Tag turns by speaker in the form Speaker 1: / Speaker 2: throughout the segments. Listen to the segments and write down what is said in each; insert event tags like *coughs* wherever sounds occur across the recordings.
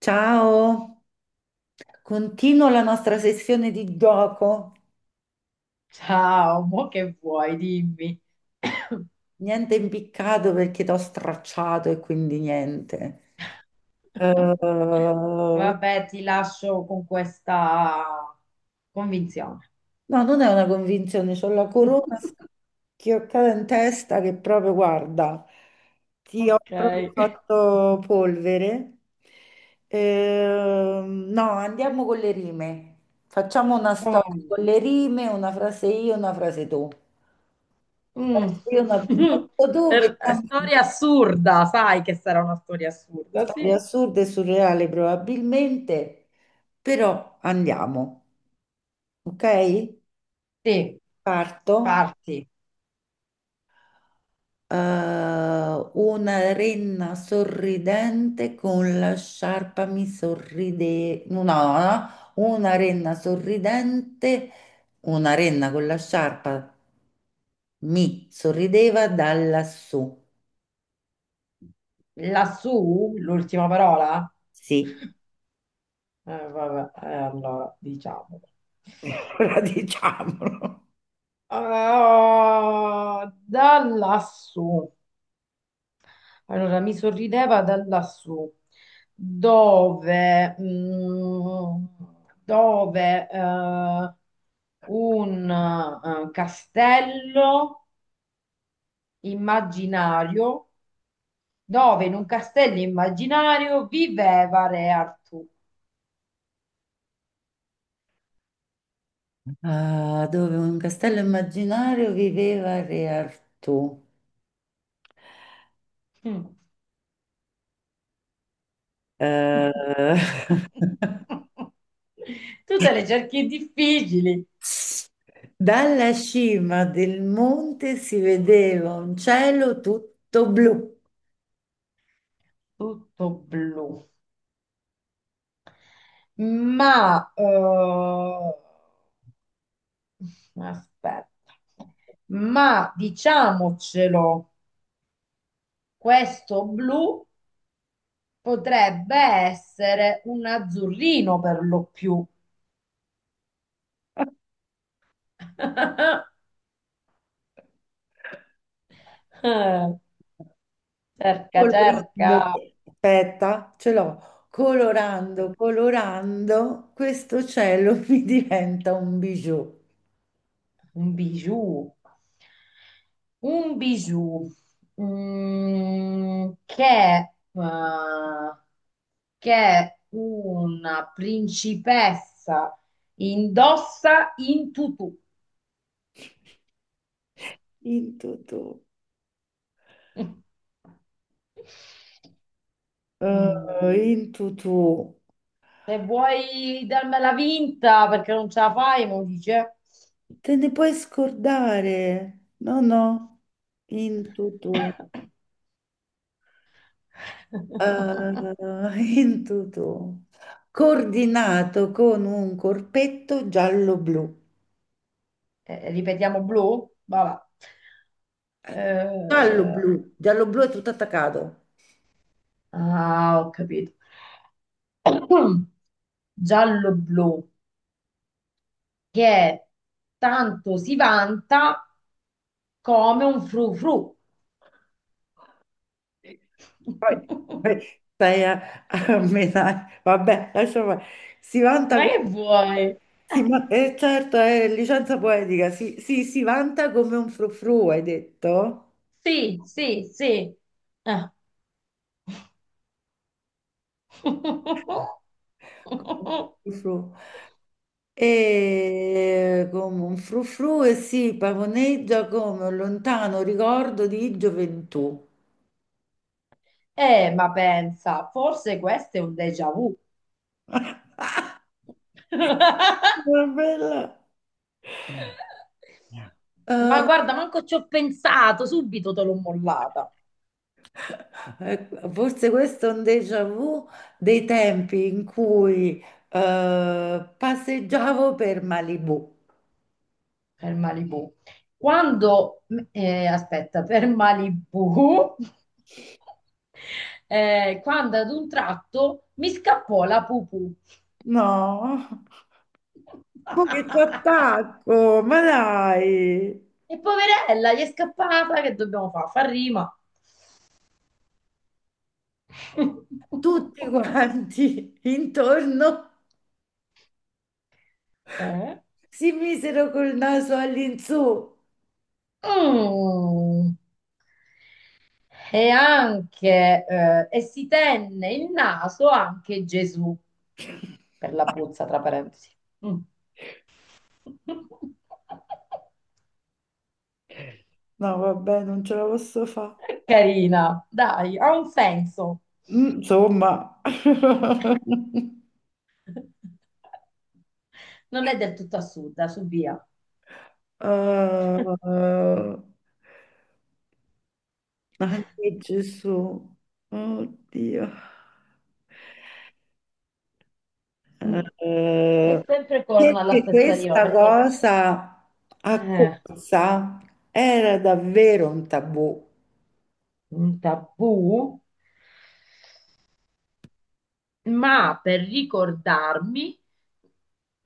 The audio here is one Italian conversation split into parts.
Speaker 1: Ciao, continuo la nostra sessione di gioco.
Speaker 2: Ciao, *laughs* mo che vuoi, dimmi.
Speaker 1: Niente impiccato perché ti ho stracciato e quindi niente. Eh,
Speaker 2: Vabbè, ti lascio con questa convinzione.
Speaker 1: no, non è una convinzione, c'ho la corona
Speaker 2: *laughs*
Speaker 1: schioccata in testa che proprio, guarda, ti ho
Speaker 2: Ok.
Speaker 1: proprio fatto polvere. No, andiamo con le rime. Facciamo una
Speaker 2: Oh,
Speaker 1: storia con le rime, una frase io, una frase tu.
Speaker 2: mm.
Speaker 1: Io non
Speaker 2: *laughs*
Speaker 1: abito dove, siamo
Speaker 2: Storia assurda, sai che sarà una storia assurda,
Speaker 1: storie
Speaker 2: sì.
Speaker 1: assurde e surreali probabilmente, però andiamo, ok?
Speaker 2: Sì,
Speaker 1: Parto.
Speaker 2: parti.
Speaker 1: Eh, una renna sorridente con la sciarpa mi sorride... No, no, no. Una renna sorridente, una renna con la sciarpa mi sorrideva da lassù.
Speaker 2: Lassù, l'ultima parola?
Speaker 1: Sì,
Speaker 2: Vabbè, allora, diciamo.
Speaker 1: *laughs* ora diciamolo.
Speaker 2: Ah, da lassù. Allora, mi sorrideva da lassù, dove, mm, dove un castello immaginario, dove in un castello immaginario viveva Re Artù.
Speaker 1: Ah, dove in un castello immaginario viveva Re Artù.
Speaker 2: Mm.
Speaker 1: Eh, *laughs*
Speaker 2: *laughs* Tu te le cerchi difficili,
Speaker 1: dalla cima del monte si vedeva un cielo tutto blu,
Speaker 2: tutto blu, ma aspetta. Ma diciamocelo, questo blu potrebbe essere un azzurrino per lo più. *laughs* Cerca, cerca.
Speaker 1: colorando, aspetta, ce l'ho, colorando, colorando, questo cielo *laughs* mi diventa un bijou.
Speaker 2: Un bijou. Un bijou mm, che, eh, che una principessa indossa in tutù.
Speaker 1: In tutù,
Speaker 2: *laughs* Mm.
Speaker 1: in tutù.
Speaker 2: Se vuoi darmela vinta perché non ce la fai, mi dice.
Speaker 1: Te ne puoi scordare? No, no, in tutto,
Speaker 2: *coughs*
Speaker 1: *laughs* in tutto, coordinato con un corpetto giallo-blu.
Speaker 2: Ripetiamo blu? Vabbè.
Speaker 1: Eh,
Speaker 2: Eh,
Speaker 1: Giallo-blu, giallo-blu è tutto attaccato.
Speaker 2: ah, ho capito. *coughs* Giallo-blu, che tanto si vanta come un frufru.
Speaker 1: Poi,
Speaker 2: *laughs*
Speaker 1: poi stai a, a menare. Vabbè, lascia fare. Si vanta
Speaker 2: Ma
Speaker 1: con...
Speaker 2: che vuoi?
Speaker 1: si
Speaker 2: *laughs*
Speaker 1: va- certo, è licenza poetica. Si, si vanta come un frufru, hai detto?
Speaker 2: Sì, sì, sì. Ah.
Speaker 1: Come un
Speaker 2: *laughs*
Speaker 1: frufru. E come un frufru e si pavoneggia come un lontano ricordo di gioventù.
Speaker 2: Ma pensa, forse questo è un déjà vu.
Speaker 1: *laughs*
Speaker 2: *laughs* Ma
Speaker 1: Una bella. Eh,
Speaker 2: guarda, manco ci ho pensato, subito te l'ho mollata
Speaker 1: ecco, forse questo è un déjà vu dei tempi in cui passeggiavo per Malibu.
Speaker 2: per Malibu. Quando, aspetta, per Malibu, *laughs* quando ad un tratto mi scappò la pupù.
Speaker 1: No, ma che ti
Speaker 2: *laughs*
Speaker 1: attacco, ma dai.
Speaker 2: E poverella, gli è scappata, che dobbiamo fare? Fa rima.
Speaker 1: Tutti
Speaker 2: *laughs*
Speaker 1: quanti *laughs* intorno
Speaker 2: Eh?
Speaker 1: si misero col naso all'insù.
Speaker 2: Mm. E anche, e si tenne il naso anche Gesù, per la puzza, tra parentesi. Mm. *laughs*
Speaker 1: No, vabbè, non ce la posso fare.
Speaker 2: Carina, dai, ha un senso.
Speaker 1: Insomma, *laughs*
Speaker 2: *laughs* Non è del tutto assurda, su via.
Speaker 1: eh, anche Gesù, oddio.
Speaker 2: Mm.
Speaker 1: Eh,
Speaker 2: È sempre con la
Speaker 1: perché
Speaker 2: stessa rima,
Speaker 1: questa
Speaker 2: perché...
Speaker 1: cosa a
Speaker 2: Eh,
Speaker 1: corsa era davvero un tabù
Speaker 2: un tabù? Ma per ricordarmi,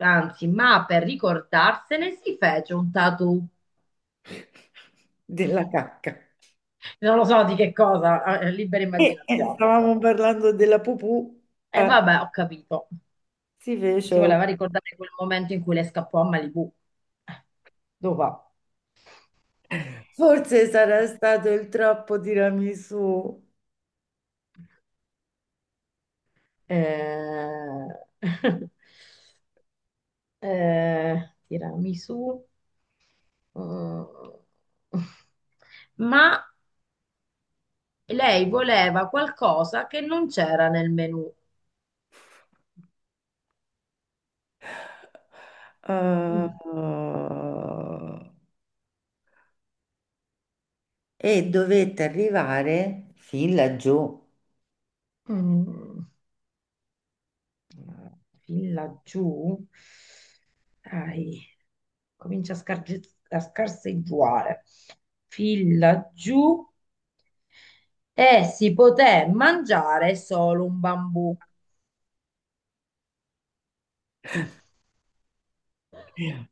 Speaker 2: anzi, ma per ricordarsene si fece un tattoo.
Speaker 1: *laughs* della cacca.
Speaker 2: Non lo so di che cosa, libera
Speaker 1: E
Speaker 2: immaginazione,
Speaker 1: stavamo
Speaker 2: insomma.
Speaker 1: parlando della pupù,
Speaker 2: E
Speaker 1: eh,
Speaker 2: vabbè, ho capito.
Speaker 1: si fece.
Speaker 2: Si voleva
Speaker 1: Un-
Speaker 2: ricordare quel momento in cui le scappò a Malibu. Dopo.
Speaker 1: forse sarà stato il troppo tiramisù.
Speaker 2: Eh... *laughs* tiramisù. Mm. *laughs* Ma lei voleva qualcosa che non c'era nel menù.
Speaker 1: Eh,
Speaker 2: Mm,
Speaker 1: e dovette arrivare fin laggiù.
Speaker 2: mm, mm. Fin laggiù, dai, comincia a, scarge- a scarseggiare. Fin laggiù e si poté mangiare solo un bambù.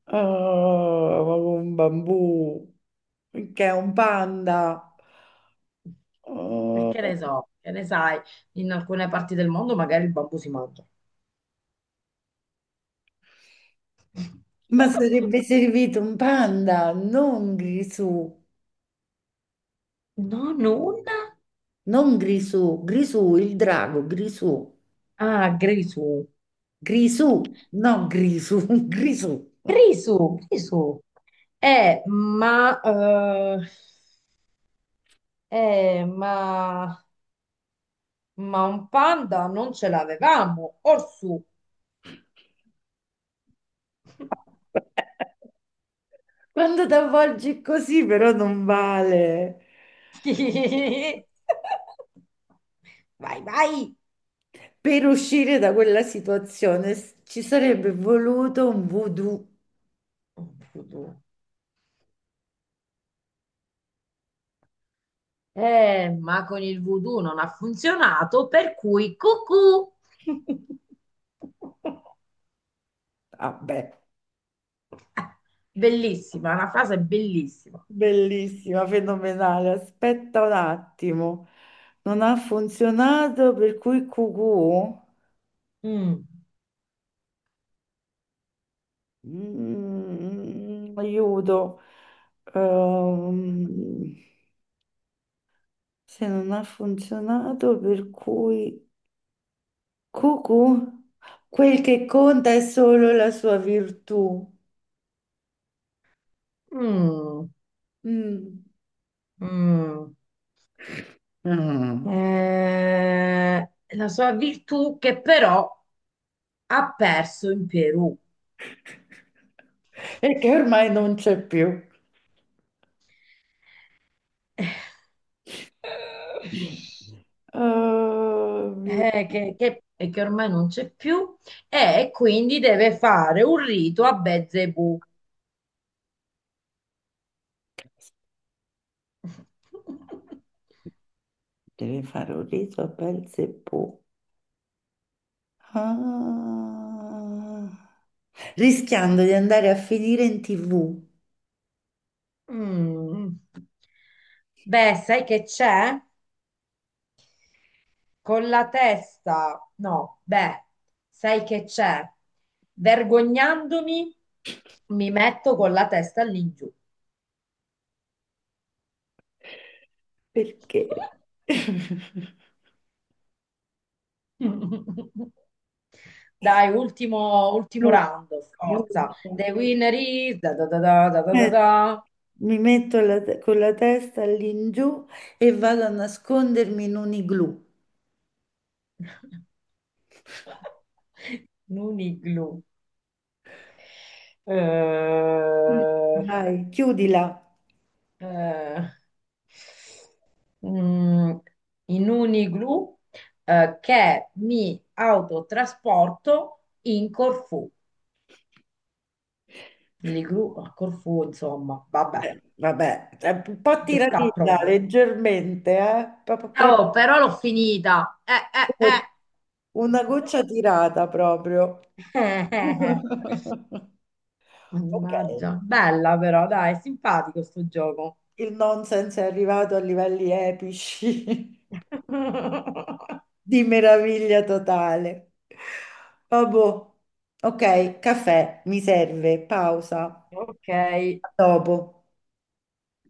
Speaker 1: Ah, ma con un bambù, che è un panda.
Speaker 2: Perché
Speaker 1: Ah,
Speaker 2: ne so, che ne sai, in alcune parti del mondo magari il bambù si mangia.
Speaker 1: ma
Speaker 2: *laughs*
Speaker 1: sarebbe servito un panda, non Grisù,
Speaker 2: Non una?
Speaker 1: non Grisù, Grisù, il drago, Grisù,
Speaker 2: Ah, Grisù.
Speaker 1: Grisù, no Grisù, *laughs* Grisù.
Speaker 2: Grisù, Grisù. Eh, ma eh, Eh, ma, ma un panda non ce l'avevamo, orsù.
Speaker 1: Quando ti avvolgi così però non vale.
Speaker 2: *laughs* Vai, vai.
Speaker 1: Per uscire da quella situazione s- ci sarebbe voluto un voodoo.
Speaker 2: Voodoo. Ma con il voodoo non ha funzionato, per cui cucù. *laughs*
Speaker 1: Vabbè,
Speaker 2: Bellissima, è una frase bellissima.
Speaker 1: bellissima, fenomenale. Aspetta un attimo. Non ha funzionato, per cui cucù.
Speaker 2: Mm,
Speaker 1: Mm, aiuto. Ehm, Se non ha funzionato, per cui cucù. Quel che conta è solo la sua virtù.
Speaker 2: mm,
Speaker 1: Mm.
Speaker 2: mm.
Speaker 1: Mm.
Speaker 2: La sua virtù che però ha perso in Perù.
Speaker 1: E che ormai non c'è più.
Speaker 2: eh,
Speaker 1: Oh mio Dio,
Speaker 2: e che ormai non c'è più, e quindi deve fare un rito a Belzebù. *laughs*
Speaker 1: devi fare un riso a pel Seppù. Ah. Rischiando di andare a finire in TV.
Speaker 2: Mm. Beh, sai che c'è? Con la testa, no, beh, sai che c'è? Vergognandomi, mi metto con la testa lì giù.
Speaker 1: Perché?
Speaker 2: *laughs*
Speaker 1: *laughs*
Speaker 2: *laughs* Dai, ultimo, ultimo
Speaker 1: Lo-
Speaker 2: round, forza. The winner is... Da, da, da, da, da, da, da,
Speaker 1: Eh,
Speaker 2: da.
Speaker 1: mi metto la te- con la testa all'ingiù e vado a nascondermi in un igloo.
Speaker 2: *laughs* Nuniglu. Eh,
Speaker 1: Dai, chiudila.
Speaker 2: eh, mm, In Uniglu che mi autotrasporto in Corfù. L'Iglu a Corfù, insomma, vabbè,
Speaker 1: Vabbè, è un po'
Speaker 2: ci sta
Speaker 1: tiratina,
Speaker 2: proprio.
Speaker 1: leggermente, eh? Proprio,
Speaker 2: Oh, però l'ho finita.
Speaker 1: proprio una goccia tirata proprio.
Speaker 2: Eh, *laughs* eh.
Speaker 1: *laughs* Ok,
Speaker 2: Mannaggia, bella però, dai, simpatico sto gioco.
Speaker 1: il nonsense è arrivato a livelli epici *laughs*
Speaker 2: *laughs* eh.
Speaker 1: di meraviglia totale. Vabbè, ok, caffè, mi serve, pausa,
Speaker 2: Ok.
Speaker 1: a dopo.